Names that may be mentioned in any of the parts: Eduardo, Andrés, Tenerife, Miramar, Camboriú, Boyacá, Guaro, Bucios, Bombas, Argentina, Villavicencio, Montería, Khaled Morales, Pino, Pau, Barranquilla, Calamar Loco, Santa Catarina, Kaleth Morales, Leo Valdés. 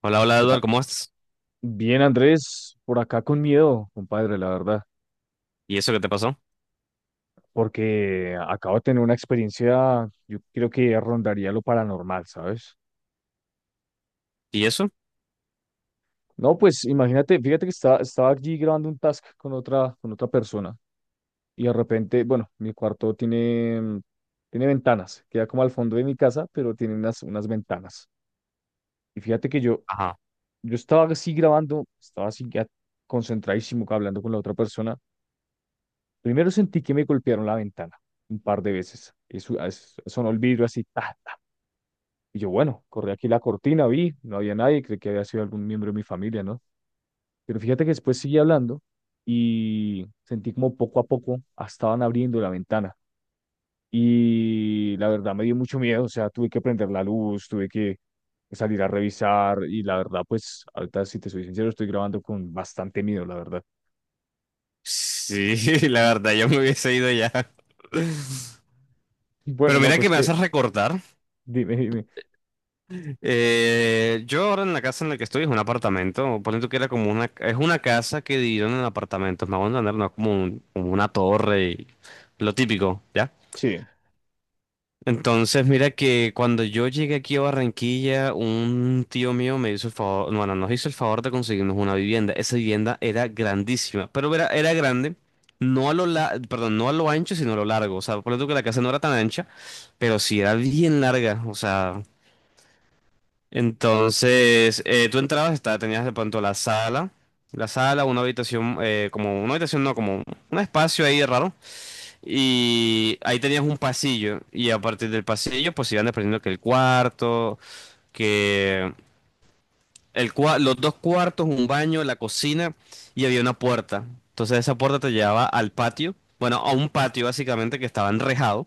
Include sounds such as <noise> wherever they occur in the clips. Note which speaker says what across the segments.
Speaker 1: Hola, hola
Speaker 2: ¿Qué
Speaker 1: Eduardo,
Speaker 2: tal?
Speaker 1: ¿cómo estás?
Speaker 2: Bien, Andrés, por acá con miedo, compadre, la verdad,
Speaker 1: ¿Y eso qué te pasó?
Speaker 2: porque acabo de tener una experiencia, yo creo que rondaría lo paranormal, ¿sabes?
Speaker 1: ¿Y eso?
Speaker 2: No, pues imagínate, fíjate que estaba allí grabando un task con otra persona y de repente, bueno, mi cuarto tiene, tiene ventanas, queda como al fondo de mi casa, pero tiene unas ventanas. Y fíjate que yo,
Speaker 1: Ajá.
Speaker 2: yo estaba así grabando, estaba así ya concentradísimo hablando con la otra persona. Primero sentí que me golpearon la ventana un par de veces. Eso, sonó el vidrio así, ta, ta. Y yo, bueno, corrí aquí la cortina, vi, no había nadie, creí que había sido algún miembro de mi familia, ¿no? Pero fíjate que después seguí hablando y sentí como poco a poco estaban abriendo la ventana. Y la verdad me dio mucho miedo, o sea, tuve que prender la luz, tuve que salir a revisar y la verdad, pues, ahorita si te soy sincero, estoy grabando con bastante miedo, la verdad.
Speaker 1: Sí, <laughs> la verdad, yo me hubiese ido ya.
Speaker 2: Y bueno,
Speaker 1: Pero
Speaker 2: no,
Speaker 1: mira
Speaker 2: pues
Speaker 1: que me
Speaker 2: que,
Speaker 1: haces recordar.
Speaker 2: dime, dime.
Speaker 1: Yo ahora en la casa en la que estoy es un apartamento. Ponle tú que era como una... Es una casa que dividieron en apartamentos. Me hago entender, no es como, como una torre y lo típico, ¿ya?
Speaker 2: Sí,
Speaker 1: Entonces, mira que cuando yo llegué aquí a Barranquilla, un tío mío me hizo el favor, bueno, nos hizo el favor de conseguirnos una vivienda. Esa vivienda era grandísima, pero era grande, no a perdón, no a lo ancho, sino a lo largo. O sea, por ejemplo que la casa no era tan ancha, pero sí era bien larga. O sea, entonces tú entrabas, estaba, tenías de pronto la sala, una habitación, como una habitación, no, como un espacio ahí raro. Y ahí tenías un pasillo. Y a partir del pasillo, pues iban desprendiendo que el cuarto, que los dos cuartos, un baño, la cocina y había una puerta. Entonces esa puerta te llevaba al patio. Bueno, a un patio básicamente que estaba enrejado.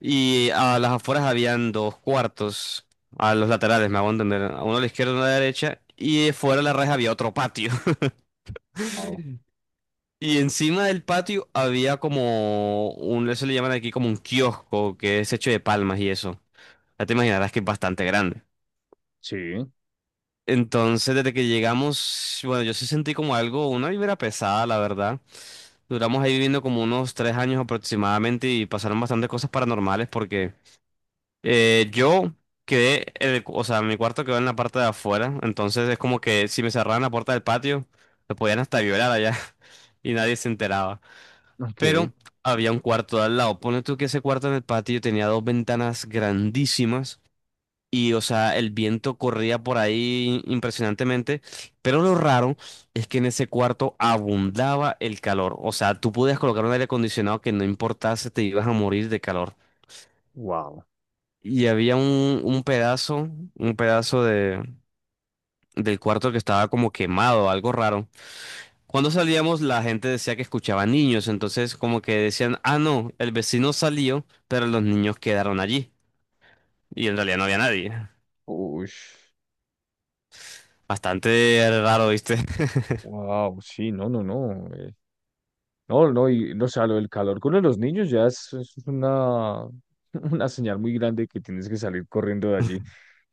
Speaker 1: Y a las afueras habían dos cuartos. A los laterales, me hago entender. A Uno a la izquierda y uno a la derecha. Y fuera de la reja había otro patio. <laughs>
Speaker 2: Pau,
Speaker 1: Y encima del patio había como un, eso le llaman aquí como un kiosco que es hecho de palmas y eso. Ya te imaginarás que es bastante grande.
Speaker 2: sí.
Speaker 1: Entonces, desde que llegamos, bueno, yo sí sentí como algo, una vibra pesada, la verdad. Duramos ahí viviendo como unos tres años aproximadamente y pasaron bastantes cosas paranormales porque yo quedé, en o sea, mi cuarto quedó en la parte de afuera, entonces es como que si me cerraran la puerta del patio, me podían hasta violar allá <laughs> y nadie se enteraba.
Speaker 2: Ok,
Speaker 1: Pero había un cuarto de al lado. Pone tú que ese cuarto en el patio tenía dos ventanas grandísimas. Y, o sea, el viento corría por ahí impresionantemente. Pero lo raro es que en ese cuarto abundaba el calor. O sea, tú podías colocar un aire acondicionado que no importase, te ibas a morir de calor.
Speaker 2: wow.
Speaker 1: Y había un pedazo, un pedazo del cuarto que estaba como quemado, algo raro. Cuando salíamos, la gente decía que escuchaba niños. Entonces, como que decían, ah, no, el vecino salió, pero los niños quedaron allí. Y en realidad no había nadie.
Speaker 2: Uy,
Speaker 1: Bastante raro, ¿viste?
Speaker 2: wow, sí, no, no, no. No, no, y no, o sea, lo del calor con los niños ya es una, <laughs> una señal muy grande que tienes que salir corriendo de allí.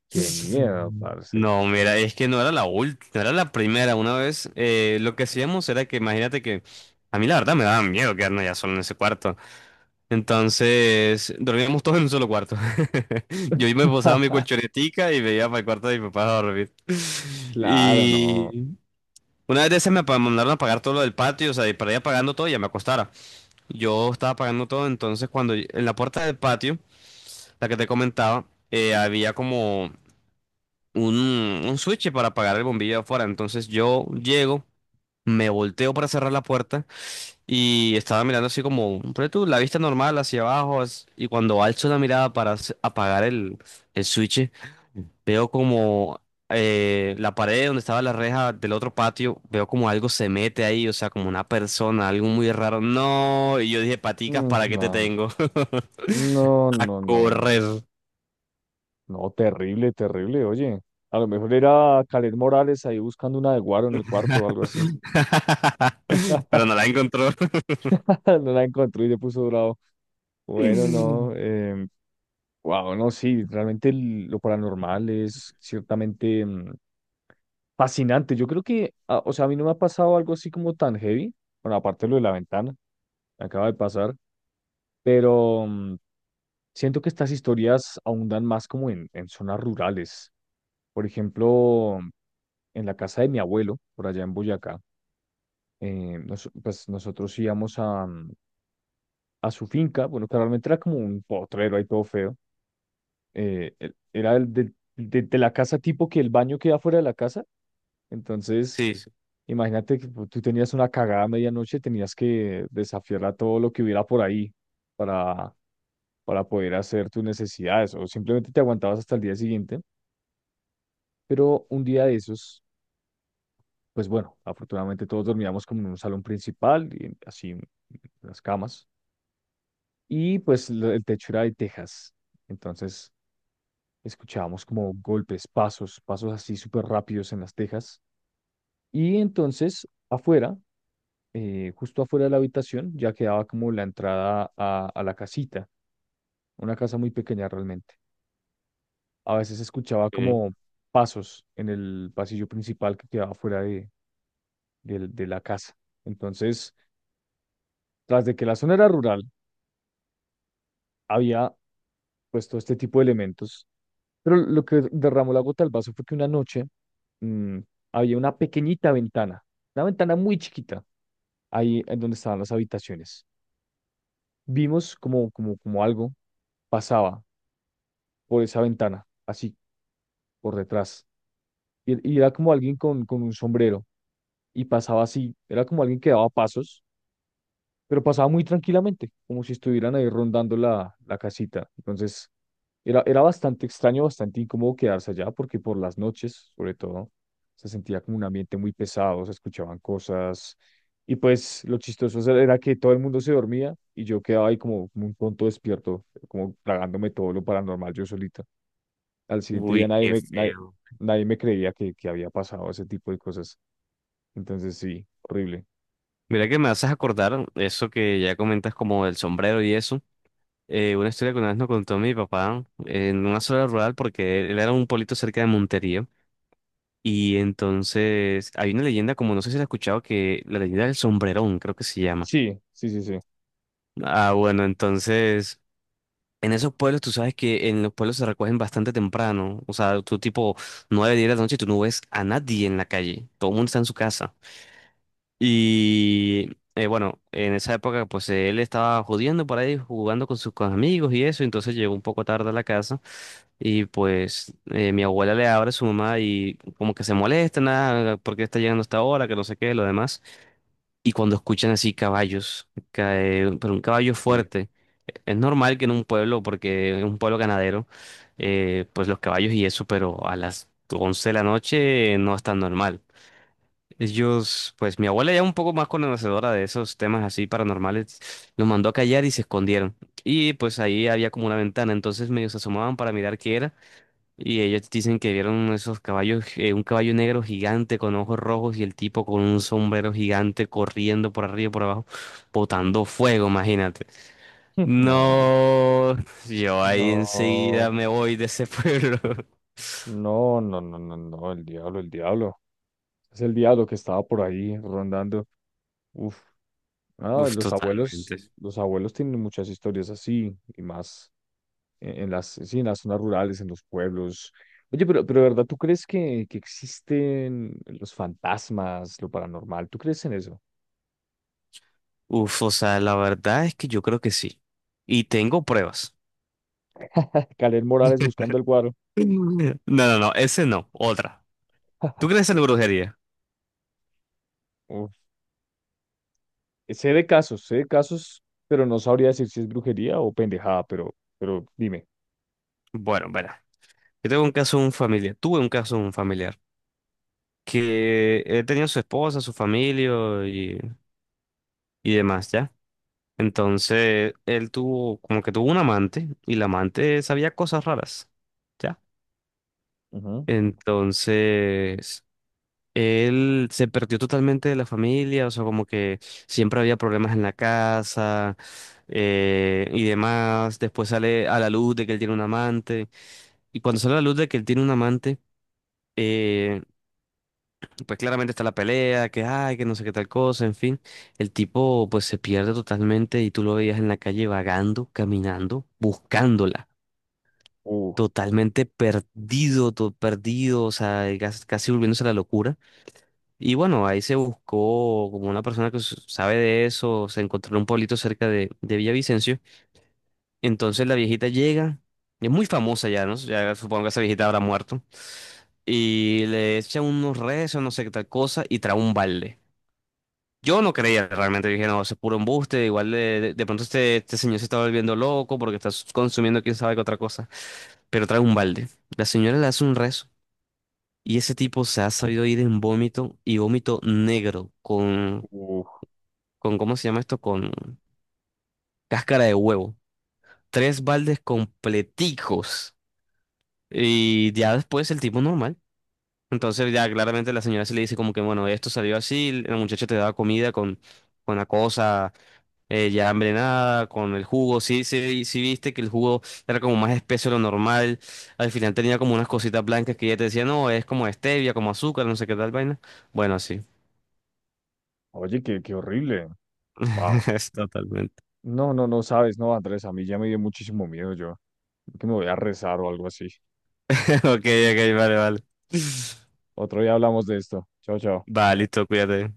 Speaker 2: Qué miedo, parce.
Speaker 1: No, mira, es que no era la última, no era la primera. Una vez lo que hacíamos era que, imagínate que a mí la verdad me daba miedo quedarnos ya solo en ese cuarto. Entonces dormíamos todos en un solo cuarto. <laughs> Yo me posaba mi
Speaker 2: <laughs>
Speaker 1: colchonetica y me iba para el cuarto de mi papá a dormir.
Speaker 2: Claro, no.
Speaker 1: Y una vez de esas mandaron a pagar todo lo del patio, o sea, y para ir pagando todo ya me acostara. Yo estaba pagando todo, entonces cuando en la puerta del patio, la que te comentaba, había como un switch para apagar el bombillo de afuera. Entonces yo llego, me volteo para cerrar la puerta y estaba mirando así como, pero tú, la vista normal hacia abajo y cuando alzo la mirada para apagar el switch, veo como la pared donde estaba la reja del otro patio, veo como algo se mete ahí, o sea, como una persona, algo muy raro. No, y yo dije, paticas,
Speaker 2: Mm,
Speaker 1: ¿para qué te
Speaker 2: no,
Speaker 1: tengo?
Speaker 2: no,
Speaker 1: <laughs> A
Speaker 2: no, no, no.
Speaker 1: correr.
Speaker 2: No, terrible, terrible, oye. A lo mejor era Khaled Morales ahí buscando una de Guaro en el cuarto o algo así.
Speaker 1: <laughs>
Speaker 2: <laughs>
Speaker 1: Pero no la encontró.
Speaker 2: No la encontró y le puso bravo. Bueno, no.
Speaker 1: <laughs>
Speaker 2: Wow, no, sí, realmente lo paranormal es ciertamente fascinante. Yo creo que, ah, o sea, a mí no me ha pasado algo así como tan heavy, bueno, aparte de lo de la ventana, me acaba de pasar, pero siento que estas historias abundan más como en zonas rurales. Por ejemplo, en la casa de mi abuelo, por allá en Boyacá, pues nosotros íbamos a, a su finca, bueno, que realmente era como un potrero ahí todo feo, era el de, de la casa tipo que el baño queda fuera de la casa. Entonces,
Speaker 1: Sí, sí.
Speaker 2: imagínate que tú tenías una cagada a medianoche, tenías que desafiar a todo lo que hubiera por ahí para, para poder hacer tus necesidades o simplemente te aguantabas hasta el día siguiente. Pero un día de esos, pues bueno, afortunadamente todos dormíamos como en un salón principal y así en las camas. Y pues el techo era de tejas. Entonces escuchábamos como golpes, pasos, pasos así súper rápidos en las tejas. Y entonces afuera justo afuera de la habitación ya quedaba como la entrada a la casita, una casa muy pequeña realmente. A veces escuchaba como
Speaker 1: Ok.
Speaker 2: pasos en el pasillo principal que quedaba fuera de, de la casa. Entonces, tras de que la zona era rural, había pues todo este tipo de elementos. Pero lo que derramó la gota al vaso fue que una noche mm, había una pequeñita ventana, una ventana muy chiquita, ahí en donde estaban las habitaciones. Vimos como algo pasaba por esa ventana, así, por detrás. Y era como alguien con un sombrero y pasaba así, era como alguien que daba pasos, pero pasaba muy tranquilamente, como si estuvieran ahí rondando la, la casita. Entonces, era bastante extraño, bastante incómodo quedarse allá, porque por las noches, sobre todo, se sentía como un ambiente muy pesado, se escuchaban cosas. Y pues lo chistoso era que todo el mundo se dormía y yo quedaba ahí como, como un tonto despierto, como tragándome todo lo paranormal yo solito. Al siguiente día
Speaker 1: Uy, qué feo.
Speaker 2: nadie me creía que había pasado ese tipo de cosas. Entonces sí, horrible.
Speaker 1: Mira que me haces acordar eso que ya comentas como el sombrero y eso. Una historia que una vez nos contó mi papá en una zona rural porque él era un pueblito cerca de Montería. Y entonces hay una leyenda, como no sé si la has escuchado, que la leyenda del sombrerón, creo que se llama.
Speaker 2: Sí, sí, sí, sí.
Speaker 1: Ah, bueno, entonces en esos pueblos tú sabes que en los pueblos se recogen bastante temprano. O sea, tú tipo 9 10 de la noche y tú no ves a nadie en la calle. Todo el mundo está en su casa. Y bueno, en esa época pues él estaba jodiendo por ahí, jugando con sus con amigos y eso, entonces llegó un poco tarde a la casa y pues mi abuela le abre a su mamá y como que se molesta, nada, porque está llegando hasta ahora, que no sé qué, lo demás. Y cuando escuchan así caballos, pero un caballo
Speaker 2: Uy,
Speaker 1: fuerte, es normal que en un pueblo, porque es un pueblo ganadero, pues los caballos y eso, pero a las 11 de la noche no es tan normal. Ellos, pues mi abuela ya un poco más conocedora de esos temas así paranormales, los mandó a callar y se escondieron. Y pues ahí había como una ventana, entonces medio se asomaban para mirar qué era. Y ellos dicen que vieron esos caballos, un caballo negro gigante con ojos rojos y el tipo con un sombrero gigante corriendo por arriba y por abajo, botando fuego, imagínate.
Speaker 2: <laughs> madre.
Speaker 1: No, yo ahí enseguida
Speaker 2: No,
Speaker 1: me voy de ese pueblo. <laughs>
Speaker 2: no, no, no, no, no, el diablo, el diablo. Es el diablo que estaba por ahí rondando. Uf, ah,
Speaker 1: Uf, totalmente.
Speaker 2: los abuelos tienen muchas historias así y más en las, sí, en las zonas rurales, en los pueblos. Oye, pero de ¿verdad? ¿Tú crees que existen los fantasmas, lo paranormal? ¿Tú crees en eso?
Speaker 1: Uf, o sea, la verdad es que yo creo que sí. Y tengo pruebas.
Speaker 2: Kaleth Morales buscando el guaro.
Speaker 1: <laughs> No, no, no, ese no, otra. ¿Tú crees en la brujería?
Speaker 2: Uf. Sé de casos, pero no sabría decir si es brujería o pendejada, pero dime.
Speaker 1: Bueno, verá. Yo tengo un caso de un familiar, tuve un caso de un familiar que él tenía su esposa, su familia y, y demás, ¿ya? Entonces, él tuvo, como que tuvo un amante y la amante sabía cosas raras, ¿ya?
Speaker 2: Ujú.
Speaker 1: Entonces, él se perdió totalmente de la familia, o sea, como que siempre había problemas en la casa y demás. Después sale a la luz de que él tiene un amante. Y cuando sale a la luz de que él tiene un amante, eh, pues claramente está la pelea, que ay, que no sé qué tal cosa, en fin. El tipo pues se pierde totalmente y tú lo veías en la calle vagando, caminando, buscándola.
Speaker 2: Uf,
Speaker 1: Totalmente perdido, todo perdido, o sea, casi volviéndose a la locura. Y bueno, ahí se buscó como una persona que sabe de eso, se encontró en un pueblito cerca de Villavicencio. Entonces la viejita llega, es muy famosa ya, ¿no? Ya supongo que esa viejita habrá muerto. Y le echa unos rezos, no sé qué tal cosa, y trae un balde. Yo no creía realmente, dije, no, eso es puro embuste, igual de pronto este señor se está volviendo loco porque está consumiendo quién sabe qué otra cosa. Pero trae un balde. La señora le hace un rezo. Y ese tipo se ha sabido ir en vómito y vómito negro, con
Speaker 2: uf.
Speaker 1: ¿cómo se llama esto? Con cáscara de huevo. Tres baldes completicos. Y ya después el tipo normal. Entonces ya claramente la señora se le dice como que, bueno, esto salió así, la muchacha te daba comida con la cosa ya envenenada, con el jugo. Sí, sí, sí viste que el jugo era como más espeso de lo normal. Al final tenía como unas cositas blancas que ella te decía, no, es como stevia, como azúcar, no sé qué tal vaina. Bueno, sí.
Speaker 2: Oye, qué, qué horrible. Wow.
Speaker 1: <laughs> Es totalmente. <laughs>
Speaker 2: No, no, no sabes, no, Andrés, a mí ya me dio muchísimo miedo yo. Creo que me voy a rezar o algo así.
Speaker 1: Ok, ok, vale, vale. <laughs>
Speaker 2: Otro día hablamos de esto. Chao, chao.
Speaker 1: Va, listo, cuídate.